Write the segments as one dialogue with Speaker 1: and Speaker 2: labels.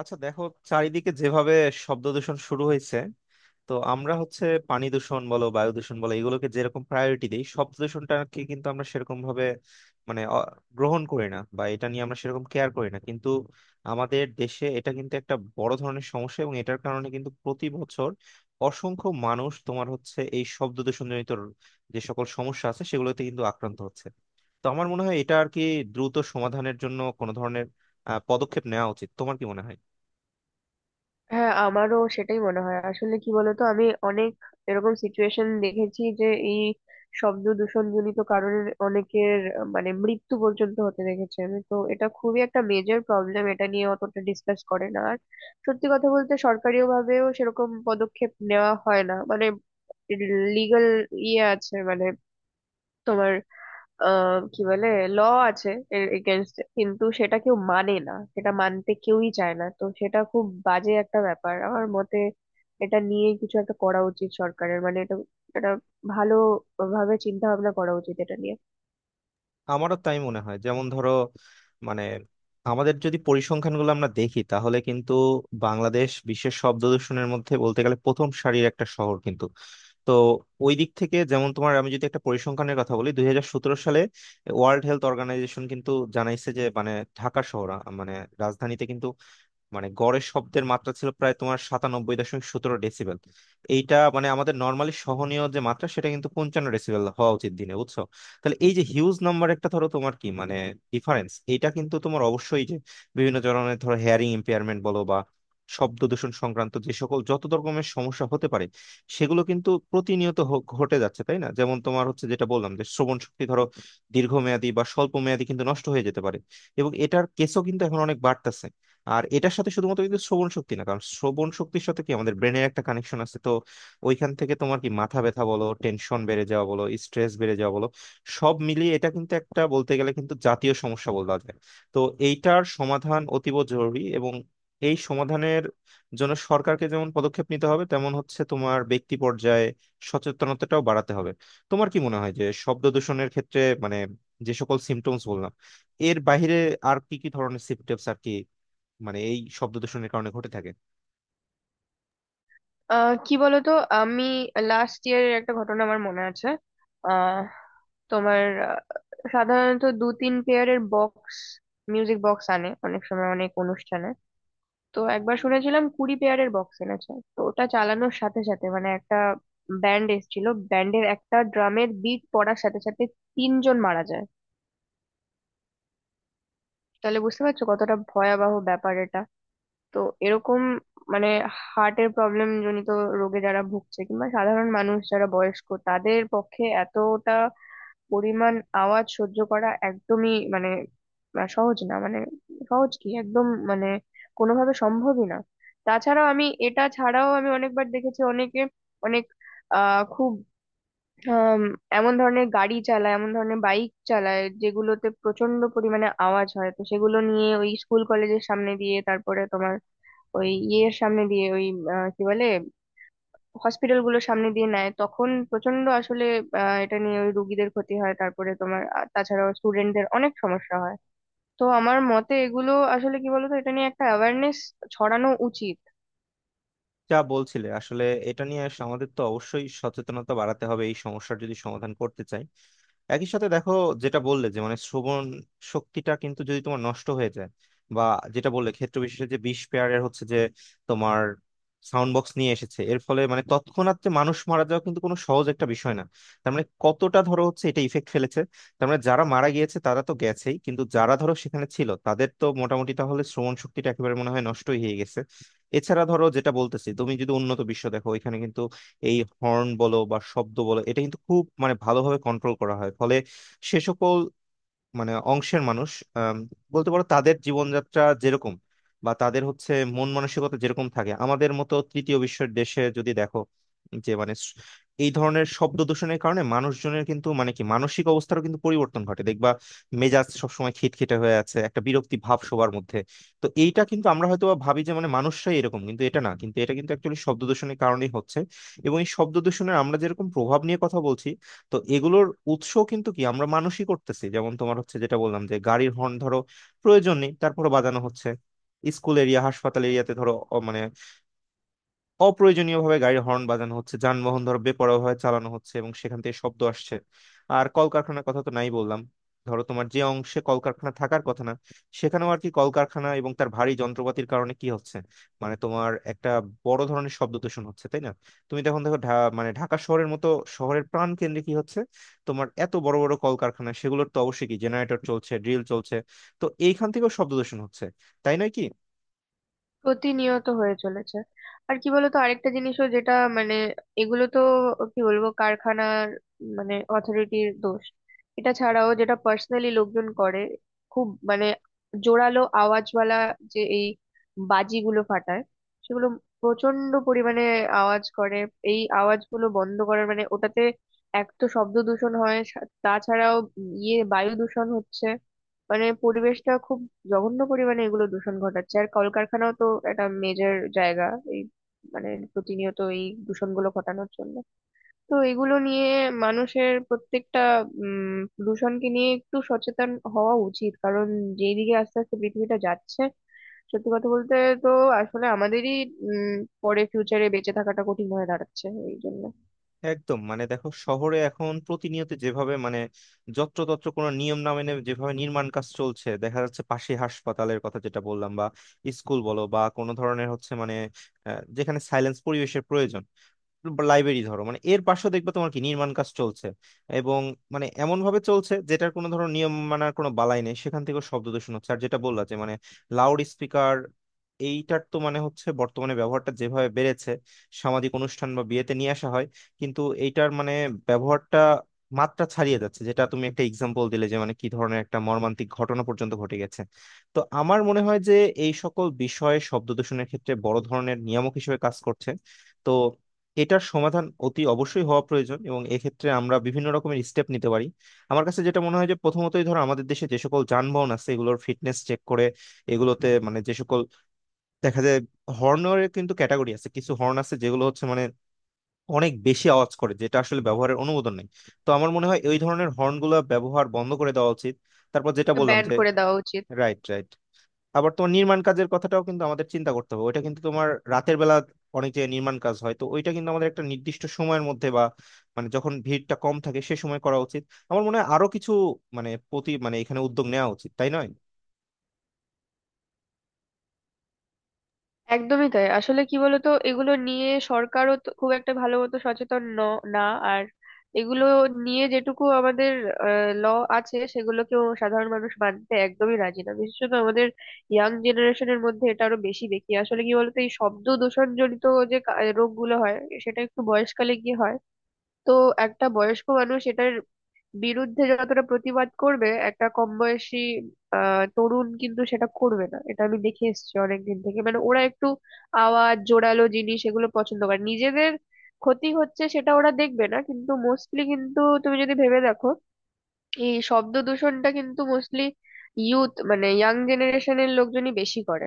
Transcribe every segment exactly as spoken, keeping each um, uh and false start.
Speaker 1: আচ্ছা দেখো, চারিদিকে যেভাবে শব্দ দূষণ শুরু হয়েছে, তো আমরা হচ্ছে পানি দূষণ বলো, বায়ু দূষণ বলো, এগুলোকে যেরকম প্রায়োরিটি দিই, শব্দ দূষণটাকে কিন্তু আমরা সেরকম ভাবে মানে অ- গ্রহণ করি না, বা এটা নিয়ে আমরা সেরকম কেয়ার করি না, কিন্তু আমাদের দেশে এটা কিন্তু একটা বড় ধরনের সমস্যা। এবং এটার কারণে কিন্তু প্রতি বছর অসংখ্য মানুষ তোমার হচ্ছে এই শব্দ দূষণজনিত যে সকল সমস্যা আছে সেগুলোতে কিন্তু আক্রান্ত হচ্ছে। তো আমার মনে হয় এটা আর কি দ্রুত সমাধানের জন্য কোনো ধরনের আহ, পদক্ষেপ নেওয়া উচিত। তোমার কি মনে হয়?
Speaker 2: হ্যাঁ, আমারও সেটাই মনে হয়। আসলে কি বলতো, আমি অনেক এরকম সিচুয়েশন দেখেছি যে এই শব্দ দূষণ জনিত কারণে অনেকের আহ, মানে মৃত্যু পর্যন্ত হতে দেখেছি। আমি তো, এটা খুবই একটা মেজর প্রবলেম, এটা নিয়ে অতটা ডিসকাস করে না। আর সত্যি কথা বলতে সরকারিও ভাবেও সেরকম পদক্ষেপ নেওয়া হয় না, মানে লিগ্যাল ইয়ে আছে, মানে তোমার আহ কি বলে, ল আছে, এর এগেনস্টে কিন্তু সেটা কেউ মানে না, সেটা মানতে কেউই চায় না। তো সেটা খুব বাজে একটা ব্যাপার আমার মতে। এটা নিয়ে কিছু একটা করা উচিত সরকারের, মানে এটা এটা ভালো ভাবে চিন্তা ভাবনা করা উচিত এটা নিয়ে।
Speaker 1: আমারও তাই মনে হয়। যেমন ধরো মানে আমাদের যদি পরিসংখ্যানগুলো আমরা দেখি তাহলে কিন্তু বাংলাদেশ বিশ্বের শব্দ দূষণের মধ্যে বলতে গেলে প্রথম সারির একটা শহর। কিন্তু তো ওই দিক থেকে যেমন তোমার আমি যদি একটা পরিসংখ্যানের কথা বলি, দুই হাজার সতেরো সালে ওয়ার্ল্ড হেলথ অর্গানাইজেশন কিন্তু জানাইছে যে মানে ঢাকা শহর আ- মানে রাজধানীতে কিন্তু মানে গড়ে শব্দের মাত্রা ছিল প্রায় তোমার সাতানব্বই দশমিক সতেরো ডেসিবেল। এইটা মানে আমাদের নর্মালি সহনীয় যে মাত্রা সেটা কিন্তু পঞ্চান্ন ডেসিবেল হওয়া উচিত দিনে, বুঝছো? তাহলে এই যে হিউজ নাম্বার একটা ধরো তোমার কি মানে ডিফারেন্স এটা কিন্তু তোমার অবশ্যই যে বিভিন্ন ধরনের ধরো হেয়ারিং ইম্পেয়ারমেন্ট বলো বা শব্দ দূষণ সংক্রান্ত যে সকল যত রকমের সমস্যা হতে পারে সেগুলো কিন্তু প্রতিনিয়ত হ- ঘটে যাচ্ছে, তাই না? যেমন তোমার হচ্ছে যেটা বললাম যে শ্রবণ শক্তি ধরো দীর্ঘমেয়াদী বা স্বল্প মেয়াদী কিন্তু নষ্ট হয়ে যেতে পারে। এবং এটার কেসও কিন্তু এখন অনেক বাড়তেছে। আর এটার সাথে শুধুমাত্র কিন্তু শ্রবণ শক্তি না, কারণ শ্রবণ শক্তির সাথে কি আমাদের ব্রেনের একটা কানেকশন আছে। তো ওইখান থেকে তোমার কি মাথা ব্যথা বলো, টেনশন বেড়ে যাওয়া বলো, স্ট্রেস বেড়ে যাওয়া বলো, সব মিলিয়ে এটা কিন্তু একটা বলতে গেলে কিন্তু জাতীয় সমস্যা বলা যায়। তো এইটার সমাধান অতীব জরুরি। এবং এই সমাধানের জন্য সরকারকে যেমন পদক্ষেপ নিতে হবে তেমন হচ্ছে তোমার ব্যক্তি পর্যায়ে সচেতনতাটাও বাড়াতে হবে। তোমার কি মনে হয় যে শব্দ দূষণের ক্ষেত্রে মানে যে সকল সিমটমস বললাম এর বাইরে আর কি কি ধরনের সিমটমস আর কি মানে এই শব্দ দূষণের কারণে ঘটে থাকে?
Speaker 2: আহ কি বলতো, আমি লাস্ট ইয়ারের একটা ঘটনা আমার মনে আছে। আহ তোমার, আহ, সাধারণত দু তিন পেয়ারের বক্স, মিউজিক বক্স আনে অনেক সময় অনেক অনুষ্ঠানে। তো একবার শুনেছিলাম কুড়ি পেয়ারের বক্স এনেছে, তো ওটা চালানোর সাথে সাথে মানে একটা ব্যান্ড এসেছিল, ব্যান্ডের একটা ড্রামের বিট পড়ার সাথে সাথে তিনজন মারা যায়। তাহলে বুঝতে পারছো কতটা ভয়াবহ ব্যাপার এটা। তো এরকম মানে হার্টের প্রবলেম জনিত রোগে যারা ভুগছে কিংবা সাধারণ মানুষ যারা বয়স্ক, তাদের পক্ষে এতটা পরিমাণ আওয়াজ সহ্য করা একদমই মানে আহ, সহজ না, মানে সহজ কি একদম মানে কোনোভাবে সম্ভবই না। তাছাড়াও আমি এটা ছাড়াও আমি অনেকবার দেখেছি অনেকে অনেক আহ খুব আম, এমন ধরনের গাড়ি চালায়, এমন ধরনের বাইক চালায় যেগুলোতে প্রচন্ড পরিমাণে আওয়াজ হয়। তো সেগুলো নিয়ে ওই স্কুল কলেজের সামনে দিয়ে, তারপরে তোমার ওই ইয়ের সামনে দিয়ে ওই আহ, কি বলে, হসপিটাল গুলোর সামনে দিয়ে নেয়, তখন প্রচন্ড আসলে আহ, এটা নিয়ে ওই রুগীদের ক্ষতি হয়। তারপরে তোমার আ- তাছাড়াও স্টুডেন্টদের অনেক সমস্যা হয়। তো আমার মতে এগুলো আসলে কি বলতো, এটা নিয়ে একটা অ্যাওয়ারনেস ছড়ানো উচিত।
Speaker 1: যা বলছিলে আসলে, এটা নিয়ে আস- আমাদের তো অবশ্যই সচেতনতা বাড়াতে হবে এই সমস্যার যদি সমাধান করতে চাই। একই সাথে দেখো, যেটা বললে যে মানে শ্রবণ শক্তিটা কিন্তু যদি তোমার নষ্ট হয়ে যায় বা যেটা বললে ক্ষেত্র বিশেষে যে বিশ পেয়ারের হচ্ছে যে তোমার সাউন্ড বক্স নিয়ে এসেছে, এর ফলে মানে তৎক্ষণাৎ যে মানুষ মারা যাওয়া কিন্তু কোনো সহজ একটা বিষয় না। তার মানে কতটা ধরো হচ্ছে এটা ইফেক্ট ফেলেছে। তার মানে যারা মারা গিয়েছে তারা তো গেছেই কিন্তু যারা ধরো সেখানে ছিল তাদের তো মোটামুটি তাহলে শ্রবণ শক্তিটা একেবারে মনে হয় নষ্টই হয়ে গেছে। এছাড়া ধরো যেটা বলতেছি তুমি যদি উন্নত বিশ্ব দেখো ওইখানে এই হর্ন বলো বা শব্দ বলো এটা কিন্তু খুব মানে ভালোভাবে কন্ট্রোল করা হয়, ফলে সে সকল মানে অংশের মানুষ আম, বলতে পারো তাদের জীবনযাত্রা যেরকম বা তাদের হচ্ছে মন মানসিকতা যেরকম থাকে। আমাদের মতো তৃতীয় বিশ্বের দেশে যদি দেখো যে মানে স- এই ধরনের শব্দ দূষণের কারণে মানুষজনের কিন্তু মানে কি মানসিক অবস্থারও কিন্তু পরিবর্তন ঘটে দেখবা। মেজাজ সবসময় খিটখিটে হয়ে আছে, একটা বিরক্তি ভাব সবার মধ্যে। তো এইটা কিন্তু আমরা হয়তো বা ভাবি যে মানে মানুষরাই এরকম কিন্তু এটা না, কিন্তু এটা কিন্তু অ্যাকচুয়ালি শব্দ দূষণের কারণেই হচ্ছে। এবং এই শব্দ দূষণের আমরা যেরকম প্রভাব নিয়ে কথা বলছি তো এগুলোর উৎস কিন্তু কি আমরা মানুষই করতেছি। যেমন তোমার হচ্ছে যেটা বললাম যে গাড়ির হর্ন ধরো প্রয়োজন নেই তারপরে বাজানো হচ্ছে, স্কুল এরিয়া, হাসপাতাল এরিয়াতে ধরো অ- মানে অপ্রয়োজনীয়ভাবে গাড়ির হর্ন বাজানো হচ্ছে, যানবাহন ধরো বেপরোয়াভাবে চালানো হচ্ছে এবং সেখান থেকে শব্দ আসছে। আর কলকারখানার কথা তো নাই বললাম। ধরো তোমার যে অংশে কলকারখানা থাকার কথা না সেখানেও আর কি কলকারখানা এবং তার ভারী যন্ত্রপাতির কারণে কি হচ্ছে মানে তোমার একটা বড় ধরনের শব্দ দূষণ হচ্ছে, তাই না? তুমি তখন দেখো ঢা- মানে ঢাকা শহরের মতো শহরের প্রাণ কেন্দ্রে কি হচ্ছে, তোমার এত বড় বড় কলকারখানা সেগুলোর তো অবশ্যই কি জেনারেটর চলছে, ড্রিল চলছে। তো এইখান থেকেও শব্দ দূষণ হচ্ছে, তাই নয় কি?
Speaker 2: প্রতিনিয়ত হয়ে চলেছে। আর কি বলতো, আরেকটা জিনিসও যেটা মানে, এগুলো তো কি বলবো কারখানার মানে অথরিটির দোষ। এটা ছাড়াও যেটা পার্সোনালি লোকজন করে, খুব মানে জোরালো আওয়াজওয়ালা যে এই বাজিগুলো ফাটায়, সেগুলো প্রচন্ড পরিমাণে আওয়াজ করে। এই আওয়াজগুলো বন্ধ করার মানে ওটাতে এক তো শব্দ দূষণ হয়, সা- তাছাড়াও ইয়ে বায়ু দূষণ হচ্ছে, মানে পরিবেশটা খুব জঘন্য পরিমাণে এগুলো দূষণ ঘটাচ্ছে। আর কলকারখানাও তো একটা মেজর জায়গা এই মানে প্রতিনিয়ত এই দূষণগুলো ঘটানোর জন্য। তো এগুলো নিয়ে মানুষের প্রত্যেকটা উম দূষণকে নিয়ে একটু সচেতন হওয়া উচিত, কারণ যেদিকে আস্তে আস্তে পৃথিবীটা যাচ্ছে সত্যি কথা বলতে, তো আসলে আমাদেরই উম পরে ফিউচারে বেঁচে থাকাটা কঠিন হয়ে দাঁড়াচ্ছে এই জন্য।
Speaker 1: একদম, মানে দেখো শহরে এখন প্রতিনিয়ত যেভাবে মানে যত্রতত্র কোনো নিয়ম না মেনে যেভাবে নির্মাণ কাজ চলছে, দেখা যাচ্ছে পাশে হাসপাতালের কথা যেটা বললাম বা স্কুল বলো বা কোনো ধরনের হচ্ছে মানে আহ, যেখানে সাইলেন্স পরিবেশের প্রয়োজন, লাইব্রেরি ধরো মানে এর পাশেও দেখবে তোমার কি নির্মাণ কাজ চলছে। এবং মানে এমন ভাবে চলছে যেটার কোনো ধরো নিয়ম মানার কোনো বালাই নেই, সেখান থেকে শব্দ দূষণ হচ্ছে। আর যেটা বললা যে মানে লাউড স্পিকার এইটার তো মানে হচ্ছে বর্তমানে ব্যবহারটা যেভাবে বেড়েছে, সামাজিক অনুষ্ঠান বা বিয়েতে নিয়ে আসা হয় কিন্তু এইটার মানে ব্যবহারটা মাত্রা ছাড়িয়ে যাচ্ছে, যেটা তুমি একটা এক্সাম্পল দিলে যে মানে কি ধরনের একটা মর্মান্তিক ঘটনা পর্যন্ত ঘটে গেছে। তো আমার মনে হয় যে এই সকল বিষয়ে শব্দ দূষণের ক্ষেত্রে বড় ধরনের নিয়ামক হিসেবে কাজ করছে। তো এটার সমাধান অতি অবশ্যই হওয়া প্রয়োজন এবং এক্ষেত্রে আমরা বিভিন্ন রকমের স্টেপ নিতে পারি। আমার কাছে যেটা মনে হয় যে প্রথমতই ধরো আমাদের দেশে যে সকল যানবাহন আছে এগুলোর ফিটনেস চেক করে এগুলোতে মানে যে সকল দেখা যায় হর্নের কিন্তু ক্যাটাগরি আছে, কিছু হর্ন আছে যেগুলো হচ্ছে মানে অনেক বেশি আওয়াজ করে যেটা আসলে ব্যবহারের অনুমোদন নেই। তো আমার মনে হয় ওই ধরনের হর্নগুলো ব্যবহার বন্ধ করে দেওয়া উচিত। তারপর যেটা বললাম
Speaker 2: ব্যান
Speaker 1: যে
Speaker 2: করে দেওয়া উচিত।
Speaker 1: Right, right. আবার তোমার নির্মাণ কাজের কথাটাও কিন্তু আমাদের চিন্তা করতে হবে, ওইটা কিন্তু তোমার রাতের বেলা অনেক যে নির্মাণ কাজ হয় তো ওইটা কিন্তু আমাদের একটা নির্দিষ্ট সময়ের মধ্যে বা মানে যখন ভিড়টা কম থাকে সে সময় করা উচিত। আমার মনে হয় আরো কিছু মানে প্রতি মানে এখানে উদ্যোগ নেওয়া উচিত, তাই নয়?
Speaker 2: একদমই তাই। আসলে কি বলতো, এগুলো নিয়ে সরকারও তো খুব একটা ভালো মতো সচেতন ন- না। আর এগুলো নিয়ে যেটুকু আমাদের ল আছে সেগুলোকেও সাধারণ মানুষ মানতে একদমই রাজি না, বিশেষত আমাদের ইয়াং জেনারেশনের মধ্যে এটা আরো বেশি দেখি। আসলে কি বলতো, এই শব্দ দূষণ জনিত যে কা- রোগগুলো হয়, সেটা একটু বয়সকালে গিয়ে হয়। তো একটা বয়স্ক মানুষ এটার বিরুদ্ধে যতটা প্রতিবাদ করবে, একটা কম বয়সী তরুণ কিন্তু সেটা করবে না। এটা আমি দেখে এসেছি অনেকদিন থেকে, মানে ওরা একটু আওয়াজ জোরালো জিনিস এগুলো পছন্দ করে, নিজেদের ক্ষতি হচ্ছে সেটা ওরা দেখবে না। কিন্তু মোস্টলি কিন্তু তুমি যদি ভেবে দেখো, এই শব্দ দূষণটা কিন্তু মোস্টলি ইউথ মানে ইয়াং জেনারেশনের লোকজনই বেশি করে।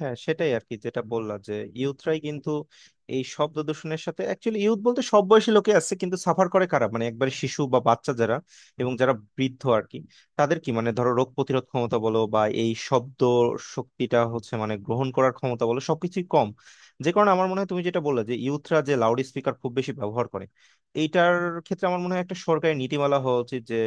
Speaker 1: হ্যাঁ, সেটাই আর কি যেটা বললাম যে ইউথরাই কিন্তু এই শব্দ দূষণের সাথে অ্যাকচুয়ালি ইউথ বলতে সব বয়সী লোকে আছে কিন্তু সাফার করে কারা মানে একবারে শিশু বা বাচ্চা যারা এবং যারা বৃদ্ধ আর কি। তাদের কি মানে ধরো রোগ প্রতিরোধ ক্ষমতা বলো বা এই শব্দ শক্তিটা হচ্ছে মানে গ্রহণ করার ক্ষমতা বলো সবকিছুই কম। যে কারণে আমার মনে হয় তুমি যেটা বললে যে ইউথরা যে লাউড স্পিকার খুব বেশি ব্যবহার করে এইটার ক্ষেত্রে আমার মনে হয় একটা সরকারি নীতিমালা হওয়া উচিত যে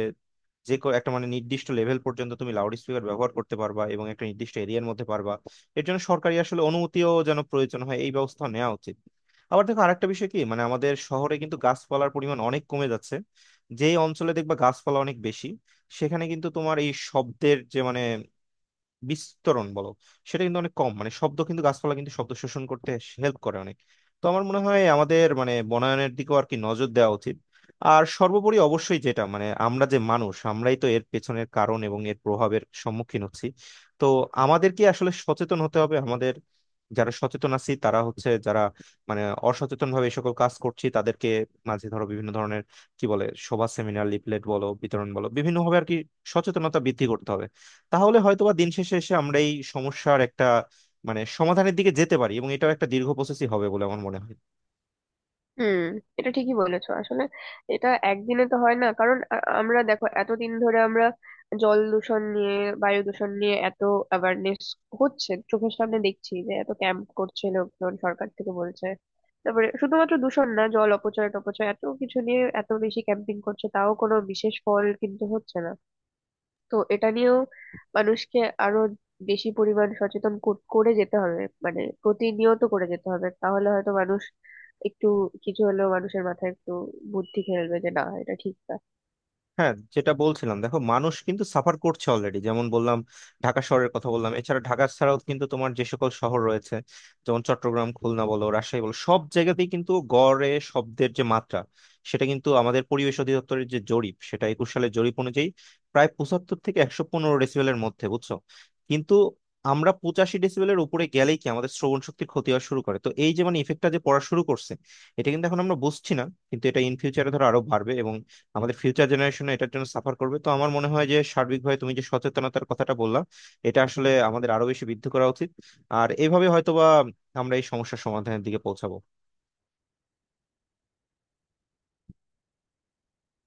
Speaker 1: যে কো- একটা মানে নির্দিষ্ট লেভেল পর্যন্ত তুমি লাউড স্পিকার ব্যবহার করতে পারবা এবং একটা নির্দিষ্ট এরিয়ার মধ্যে পারবা, এর জন্য সরকারি আসলে অনুমতিও যেন প্রয়োজন হয় এই ব্যবস্থা নেওয়া উচিত। আবার দেখো আরেকটা বিষয় কি মানে আমাদের শহরে কিন্তু গাছপালার পরিমাণ অনেক কমে যাচ্ছে। যেই অঞ্চলে দেখবা গাছপালা অনেক বেশি সেখানে কিন্তু তোমার এই শব্দের যে মানে বিস্তরণ বলো সেটা কিন্তু অনেক কম মানে শব্দ কিন্তু গাছপালা কিন্তু শব্দ শোষণ করতে হেল্প করে অনেক। তো আমার মনে হয় আমাদের মানে বনায়নের দিকেও আর কি নজর দেওয়া উচিত। আর সর্বোপরি অবশ্যই যেটা মানে আমরা যে মানুষ আমরাই তো এর পেছনের কারণ এবং এর প্রভাবের সম্মুখীন হচ্ছি। তো আমাদেরকে আসলে সচেতন হতে হবে। আমাদের যারা সচেতন আছি তারা হচ্ছে যারা মানে অসচেতন ভাবে এই সকল কাজ করছি তাদেরকে মাঝে ধরো বিভিন্ন ধরনের কি বলে সভা, সেমিনার, লিফলেট বলো বিতরণ বলো বিভিন্ন ভাবে আর কি সচেতনতা বৃদ্ধি করতে হবে। তাহলে হয়তোবা দিন শেষে এসে আমরা এই সমস্যার একটা মানে সমাধানের দিকে যেতে পারি এবং এটাও একটা দীর্ঘ প্রসেসই হবে বলে আমার মনে হয়।
Speaker 2: হুম। এটা ঠিকই বলেছো আসলে। এটা একদিনে তো হয় না, কারণ আ- আমরা দেখো এতদিন ধরে আমরা জল দূষণ নিয়ে, বায়ু দূষণ নিয়ে এত অ্যাওয়ারনেস হচ্ছে চোখের সামনে দেখছি, যে এত ক্যাম্প করছে লোকজন, সরকার থেকে বলছে, তারপরে শুধুমাত্র দূষণ না, জল অপচয় টপচয় এত কিছু নিয়ে এত বেশি ক্যাম্পিং করছে, তাও কোনো বিশেষ ফল কিন্তু হচ্ছে না। তো এটা নিয়েও মানুষকে আরো বেশি পরিমাণ সচেতন কর- করে যেতে হবে, মানে প্রতিনিয়ত করে যেতে হবে, তাহলে হয়তো মানুষ একটু কিছু হলেও মানুষের মাথায় একটু বুদ্ধি খেলবে যে না, এটা ঠিক না।
Speaker 1: হ্যাঁ, যেটা বলছিলাম দেখো মানুষ কিন্তু সাফার করছে অলরেডি। যেমন বললাম ঢাকা শহরের কথা বললাম, এছাড়া ঢাকা ছাড়াও কিন্তু তোমার যে সকল শহর রয়েছে যেমন চট্টগ্রাম, খুলনা বলো, রাজশাহী বলো সব জায়গাতেই কিন্তু গড়ে শব্দের যে মাত্রা সেটা কিন্তু আমাদের পরিবেশ অধিদপ্তরের যে জরিপ সেটা একুশ সালের জরিপ অনুযায়ী প্রায় পঁচাত্তর থেকে একশো পনেরো ডেসিবেলের মধ্যে, বুঝছো? কিন্তু আমরা পঁচাশি ডেসিবেলের উপরে গেলেই কি আমাদের শ্রবণ শক্তির ক্ষতি হওয়া শুরু করে। তো এই যে মানে ইফেক্টটা যে পড়া শুরু করছে এটা কিন্তু এখন আমরা বুঝছি না কিন্তু এটা ইন ফিউচারে ধরো আরো বাড়বে। আমাদের ফিউচার জেনারেশন এটার জন্য সাফার করবে। তো আমার মনে হয় যে সার্বিকভাবে তুমি যে সচেতনতার কথাটা বললা এটা আসলে আমাদের আরো বেশি বৃদ্ধি করা উচিত। আর এইভাবে হয়তোবা আমরা এই সমস্যার সমাধানের দিকে পৌঁছাবো।